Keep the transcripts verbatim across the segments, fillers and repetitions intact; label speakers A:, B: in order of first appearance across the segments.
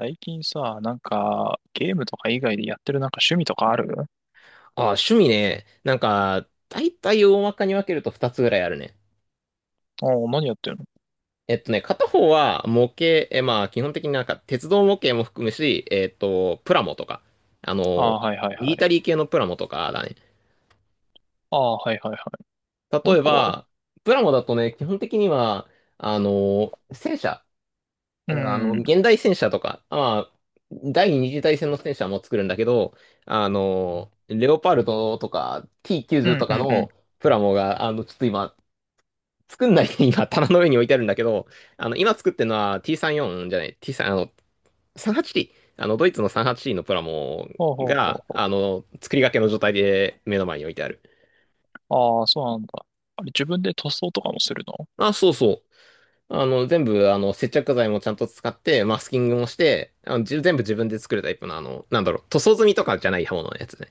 A: 最近さ、なんか、ゲームとか以外でやってるなんか趣味とかある？
B: あ、趣味ね。なんか、大体大まかに分けるとふたつぐらいあるね。
A: ああー、何やってるの？
B: えっとね、片方は模型。え、まあ基本的になんか鉄道模型も含むし、えっと、プラモとか、あ
A: あ
B: の、
A: あー、はいはい
B: ミ
A: は
B: リタ
A: い。
B: リー系のプラモとかだね。
A: ああ、はいはいはい。
B: 例
A: もう一
B: え
A: 個は？
B: ば、プラモだとね、基本的には、あの、戦車、
A: う
B: あ
A: ん、
B: の、
A: うん、
B: 現代戦車とか、まあ、第二次大戦の戦車も作るんだけど、あの、レオパルトとか
A: う
B: ティーきゅうじゅう
A: ん、
B: とか
A: うん。
B: のプラモが、あの、ちょっと今、作んないで今、棚の上に置いてあるんだけど、あの、今作ってるのは ティーさんじゅうよん じゅうよんじゃない、ティースリー、あの、さんじゅうはちティー、あの、ドイツの さんじゅうはちティー のプラモ
A: ほうほうほ
B: が、
A: うほ
B: あの、作りかけの状態で目の前に置いてある。
A: う。ああ、そうなんだ。あれ、自分で塗装とかもするの？
B: あ、そうそう。あの、全部、あの、接着剤もちゃんと使って、マスキングもして、あの、じゅ全部自分で作るタイプの、あの、なんだろう、塗装済みとかじゃない刃物のやつね。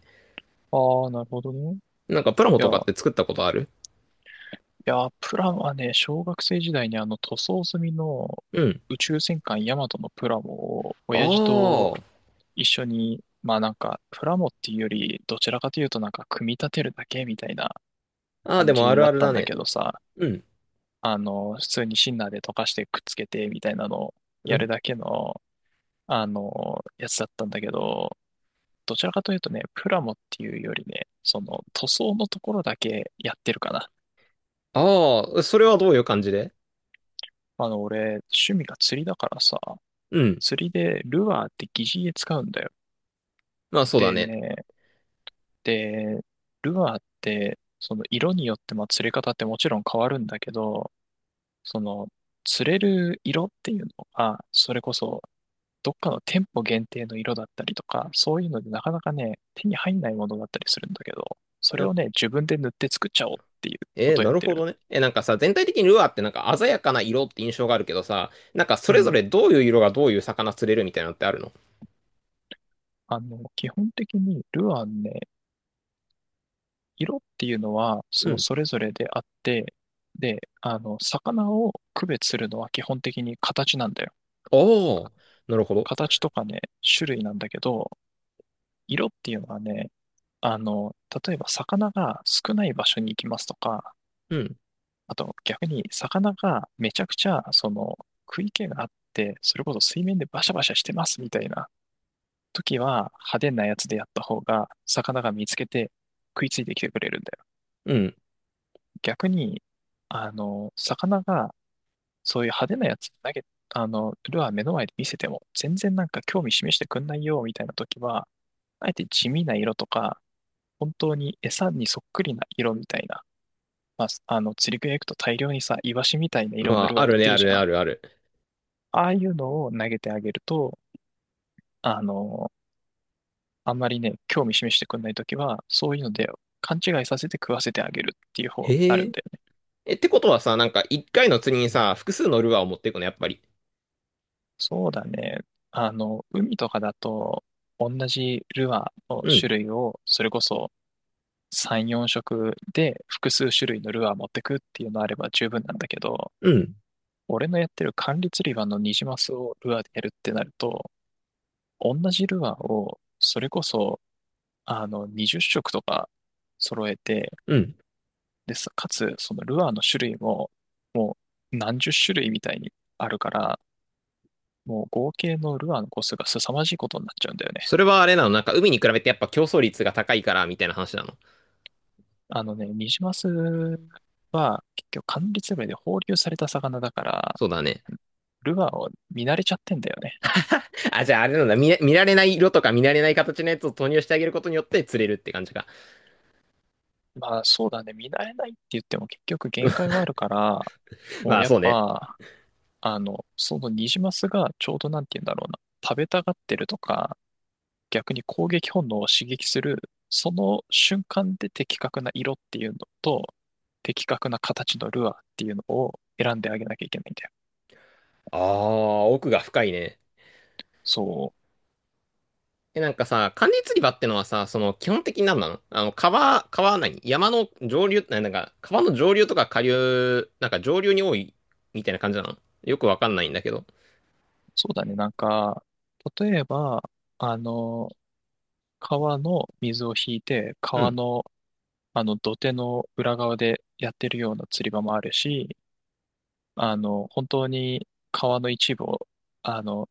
A: ああー、なるほどね。
B: なんか、プラモ
A: いや、
B: と
A: い
B: かって作ったことある？
A: や、プラはね、小学生時代にあの塗装済みの
B: うん。
A: 宇宙戦艦ヤマトのプラモを、親父
B: あ
A: と一緒に、まあなんか、プラモっていうより、どちらかというとなんか、組み立てるだけみたいな
B: あ。ああ、で
A: 感
B: もあ
A: じ
B: る
A: だっ
B: ある
A: たん
B: だ
A: だ
B: ね。
A: けどさ、
B: うん。
A: あの、普通にシンナーで溶かしてくっつけてみたいなのを
B: う
A: やる
B: ん。
A: だけの、あの、やつだったんだけど、どちらかというとね、プラモっていうよりね、その塗装のところだけやってるかな。
B: ああ、それはどういう感じで？
A: あの、俺、趣味が釣りだからさ、
B: うん。
A: 釣りでルアーって擬似餌使うんだよ。
B: まあ、そうだ
A: で
B: ね。
A: ね、で、ルアーって、その色によってまあ釣れ方ってもちろん変わるんだけど、その釣れる色っていうのが、それこそどっかの店舗限定の色だったりとか、そういうのでなかなかね、手に入んないものだったりするんだけど、それをね、自分で塗って作っちゃおうっていうこ
B: えー、
A: とをや
B: な
A: っ
B: る
A: て
B: ほ
A: る。
B: どね。え、なんかさ、全体的にルアーってなんか鮮やかな色って印象があるけどさ、なんかそ
A: う
B: れぞ
A: ん。
B: れどういう色がどういう魚釣れるみたいなのってあるの？
A: あの、基本的にルアンね、色っていうのは、そ
B: う
A: の
B: ん。
A: それぞれであって、で、あの、魚を区別するのは基本的に形なんだよ。
B: おー、なるほど。
A: 形とかね、種類なんだけど、色っていうのはね、あの、例えば魚が少ない場所に行きますとか、
B: うん。
A: あと逆に魚がめちゃくちゃその食い気があって、それこそ水面でバシャバシャしてますみたいな時は派手なやつでやった方が魚が見つけて食いついてきてくれるんだよ。
B: うん。
A: 逆に、あの、魚がそういう派手なやつ投げ、あの、ルアー目の前で見せても全然なんか興味示してくんないよみたいな時は、あえて地味な色とか、本当に餌にそっくりな色みたいな、まあ、あの釣り具屋行くと大量にさ、イワシみたいな
B: ま
A: 色のル
B: あ、
A: アー
B: あ
A: 売っ
B: る
A: て
B: ね、
A: る
B: あ
A: じ
B: るね、
A: ゃん。
B: あるある。
A: ああいうのを投げてあげると、あの、あんまりね、興味示してくれないときは、そういうので勘違いさせて食わせてあげるっていう方にな
B: へ
A: るん
B: え。
A: だよね。
B: え、ってことはさ、なんか一回の釣りにさ、複数のルアーを持っていくの、やっぱり。
A: そうだね。あの、海とかだと、同じルアーの
B: うん。
A: 種類を、それこそさん、よん色で複数種類のルアー持ってくっていうのあれば十分なんだけど、
B: うん。
A: 俺のやってる管理釣り場のニジマスをルアーでやるってなると、同じルアーを、それこそ、あの、にじゅう色とか揃えて、
B: うん。
A: でさ、かつ、そのルアーの種類も、もう何十種類みたいにあるから、もう合計のルアーの個数が凄まじいことになっちゃうんだよね。
B: それはあれなの、なんか海に比べてやっぱ競争率が高いから、みたいな話なの？
A: あのね、ニジマスは結局管理詰めで放流された魚だから、
B: そうだね。
A: ルアーを見慣れちゃってんだよね。
B: あ、じゃああれなんだ、見れ、見られない色とか見られない形のやつを投入してあげることによって釣れるって感じか。
A: まあそうだね、見慣れないって言っても結局限界はあるから、も
B: ま
A: う
B: あ
A: やっ
B: そうね。
A: ぱ、あの、そのニジマスがちょうどなんて言うんだろうな、食べたがってるとか、逆に攻撃本能を刺激する、その瞬間で的確な色っていうのと、的確な形のルアーっていうのを選んであげなきゃいけないんだよ。
B: ああ、奥が深いね。
A: そう、
B: え、なんかさ、管理釣り場ってのはさ、その基本的に何なの、あの、川、川は何山の上流、ななんか、川の上流とか下流、なんか上流に多いみたいな感じなのよくわかんないんだけど。
A: そうだね。なんか、例えば、あの、川の水を引いて、
B: う
A: 川
B: ん、
A: の、あの、土手の裏側でやってるような釣り場もあるし、あの、本当に川の一部を、あの、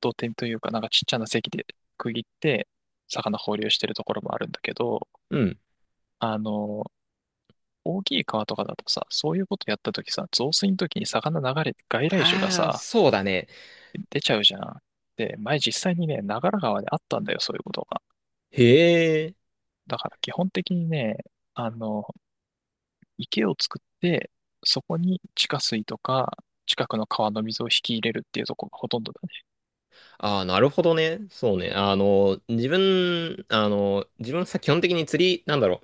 A: 土手というか、なんかちっちゃな堰で区切って、魚放流してるところもあるんだけど、
B: うん。
A: あの、大きい川とかだとさ、そういうことやったときさ、増水のときに魚流れて外来種が
B: ああ、
A: さ、
B: そうだね。
A: 出ちゃうじゃん。で、前実際にね、長良川であったんだよ、そういうことが。
B: へえ。
A: だから基本的にね、あの、池を作って、そこに地下水とか、近くの川の水を引き入れるっていうところがほとんどだね。
B: ああ、なるほどね。そうね。あの、自分、あの、自分さ、基本的に釣り、なんだろ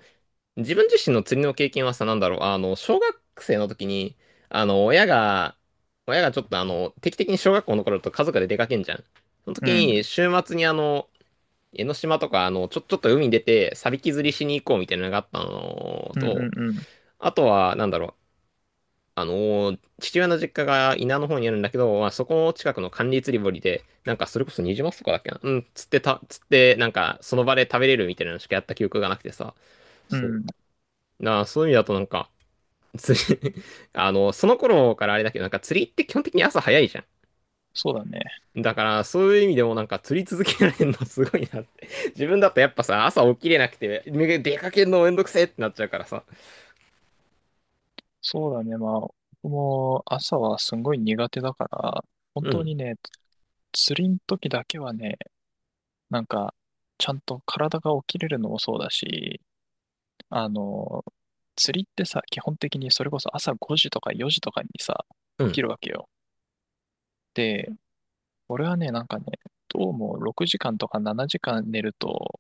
B: う。自分自身の釣りの経験はさ、なんだろう、あの、小学生の時に、あの、親が、親がちょっとあの、定期的に小学校の頃だと家族で出かけんじゃん。その時に、週末にあの、江ノ島とか、あの、ちょ、ちょっと海に出て、サビキ釣りしに行こうみたいなのがあったの
A: うん、うん、う
B: と、
A: ん、うん。
B: あとは、なんだろう、あの、父親の実家が稲の方にあるんだけど、まあ、そこの近くの管理釣り堀で、なんかそれこそニジマスとかだっけな、うん、釣ってた、釣って、なんかその場で食べれるみたいなのしかやった記憶がなくてさ、
A: う
B: そう。
A: ん、
B: なあ、そういう意味だとなんか、釣り あの、その頃からあれだけど、なんか釣りって基本的に朝早いじゃ
A: そうだね。
B: ん。だから、そういう意味でもなんか釣り続けられるのすごいなって。自分だとやっぱさ、朝起きれなくて、出かけるのめんどくせえってなっちゃうからさ。
A: そうだね。まあ、僕も朝はすんごい苦手だから、本
B: う
A: 当に
B: ん。
A: ね、釣りの時だけはね、なんか、ちゃんと体が起きれるのもそうだし、あの、釣りってさ、基本的にそれこそ朝ごじとかよじとかにさ、
B: う
A: 起き
B: ん。
A: るわけよ。で、俺はね、なんかね、どうもろくじかんとかしちじかん寝ると、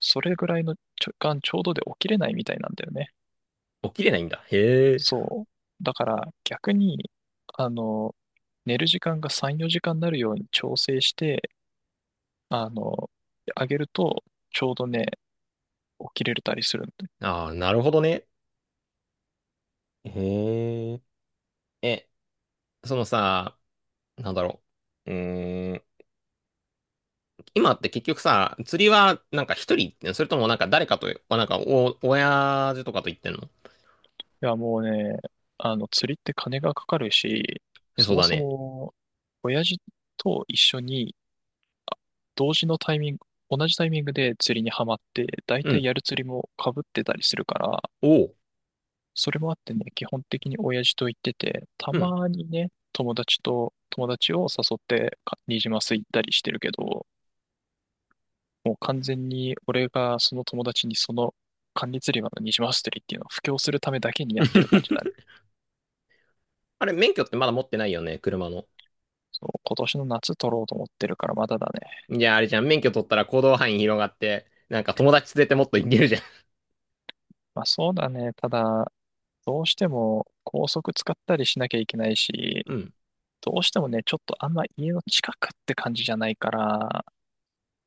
A: それぐらいの時間ちょうどで起きれないみたいなんだよね。
B: 起きれないんだ。へえ。
A: そう。だから逆に、あの、寝る時間がさん、よじかんになるように調整して、あの、あげると、ちょうどね、起きれたりする。
B: ああ、なるほどね。へえ。え、そのさ、なんだろう。うーん。今って結局さ、釣りはなんか一人行ってんの、それともなんか誰かと、あなんかお、親父とかと行ってんの？
A: いや、もうね、あの、釣りって金がかかるし、
B: えそ
A: そ
B: う
A: も
B: だ
A: そ
B: ね。
A: も、親父と一緒に、同時のタイミング、同じタイミングで釣りにはまって、大
B: う
A: 体
B: ん。
A: やる釣りも被ってたりするから、
B: おお。
A: それもあってね、基本的に親父と行ってて、た
B: うん。
A: まにね、友達と、友達を誘ってか、ニジマス行ったりしてるけど、もう完全に俺がその友達にその、管理釣り場のニジマス釣りっていうのを布教するためだけにやってる感じだね。
B: あれ、免許ってまだ持ってないよね、車の。
A: そう、今年の夏取ろうと思ってるからまだだね。
B: じゃあ、あれじゃん、免許取ったら行動範囲広がって、なんか友達連れてもっと行けるじゃん。
A: まあそうだね。ただ、どうしても高速使ったりしなきゃいけないし、
B: うん。
A: どうしてもね、ちょっとあんま家の近くって感じじゃないから、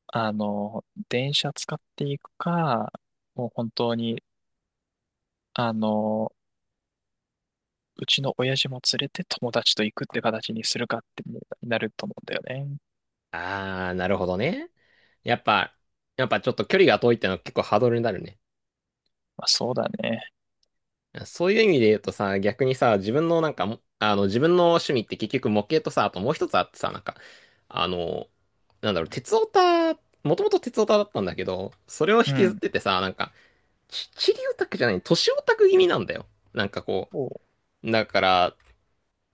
A: あの、電車使っていくか、もう本当に、あの、うちの親父も連れて友達と行くって形にするかってなると思うんだよね。
B: あー、なるほどね。やっぱ、やっぱちょっと距離が遠いってのは結構ハードルになるね。
A: まあそうだね。
B: そういう意味で言うとさ、逆にさ、自分のなんかも、あの、自分の趣味って結局模型とさ、あともう一つあってさ、なんか、あの、なんだろう、鉄オタ、もともと鉄オタだったんだけど、それを引
A: う
B: きずっ
A: ん。
B: ててさ、なんか、ち、チリオタクじゃない、都市オタク気味なんだよ。なんかこ
A: おう
B: う、だから、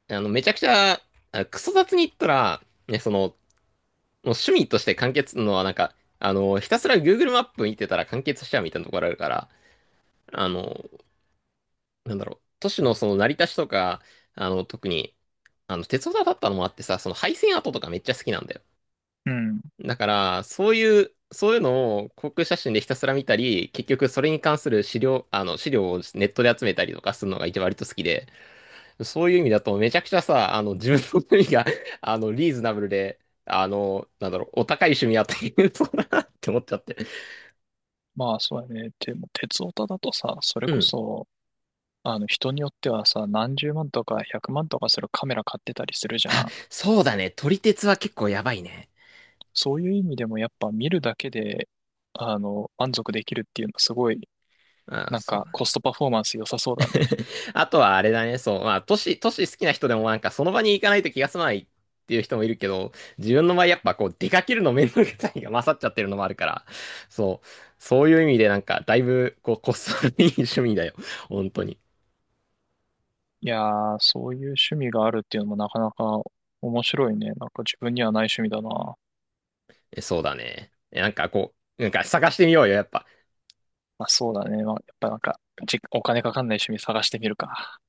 B: あの、めちゃくちゃ、あクソ雑に言ったら、ね、その、もう趣味として完結のは、なんか、あの、ひたすら Google マップ見てたら完結しちゃうみたいなところあるから、あの、なんだろう、都市のその成り立ちとか、あの、特に、あの、鉄オタだったのもあってさ、その廃線跡とかめっちゃ好きなんだよ。
A: うん。
B: だから、そういう、そういうのを航空写真でひたすら見たり、結局それに関する資料、あの、資料をネットで集めたりとかするのが一番割と好きで、そういう意味だと、めちゃくちゃさ、あの、自分の趣味が あの、リーズナブルで、あの、なんだろう、お高い趣味やっていうそうだなって思っちゃって。
A: まあそうだね。でも、鉄オタだとさ、それ
B: う
A: こ
B: ん。
A: そ、あの人によってはさ、何十万とか百万とかするカメラ買ってたりするじゃん。
B: そうだね。撮り鉄は結構やばいね。
A: そういう意味でもやっぱ見るだけで、あの、満足できるっていうのすごい、
B: ああ、
A: なん
B: そう
A: か
B: だ。
A: コストパフォーマンス良さそうだね。
B: あとはあれだね。そう、まあ、都市、都市好きな人でもなんか、その場に行かないと気が済まないっていう人もいるけど、自分の場合やっぱこう、出かけるの面倒くさいが勝っちゃってるのもあるから、そう、そういう意味でなんか、だいぶ、こう、こっそりいい趣味だよ。本当に。
A: いやー、そういう趣味があるっていうのもなかなか面白いね。なんか自分にはない趣味だな。ま
B: えそうだね。えなんかこう、なんか探してみようよ、やっぱ。
A: あそうだね。まあ、やっぱなんか、じ、お金かかんない趣味探してみるか。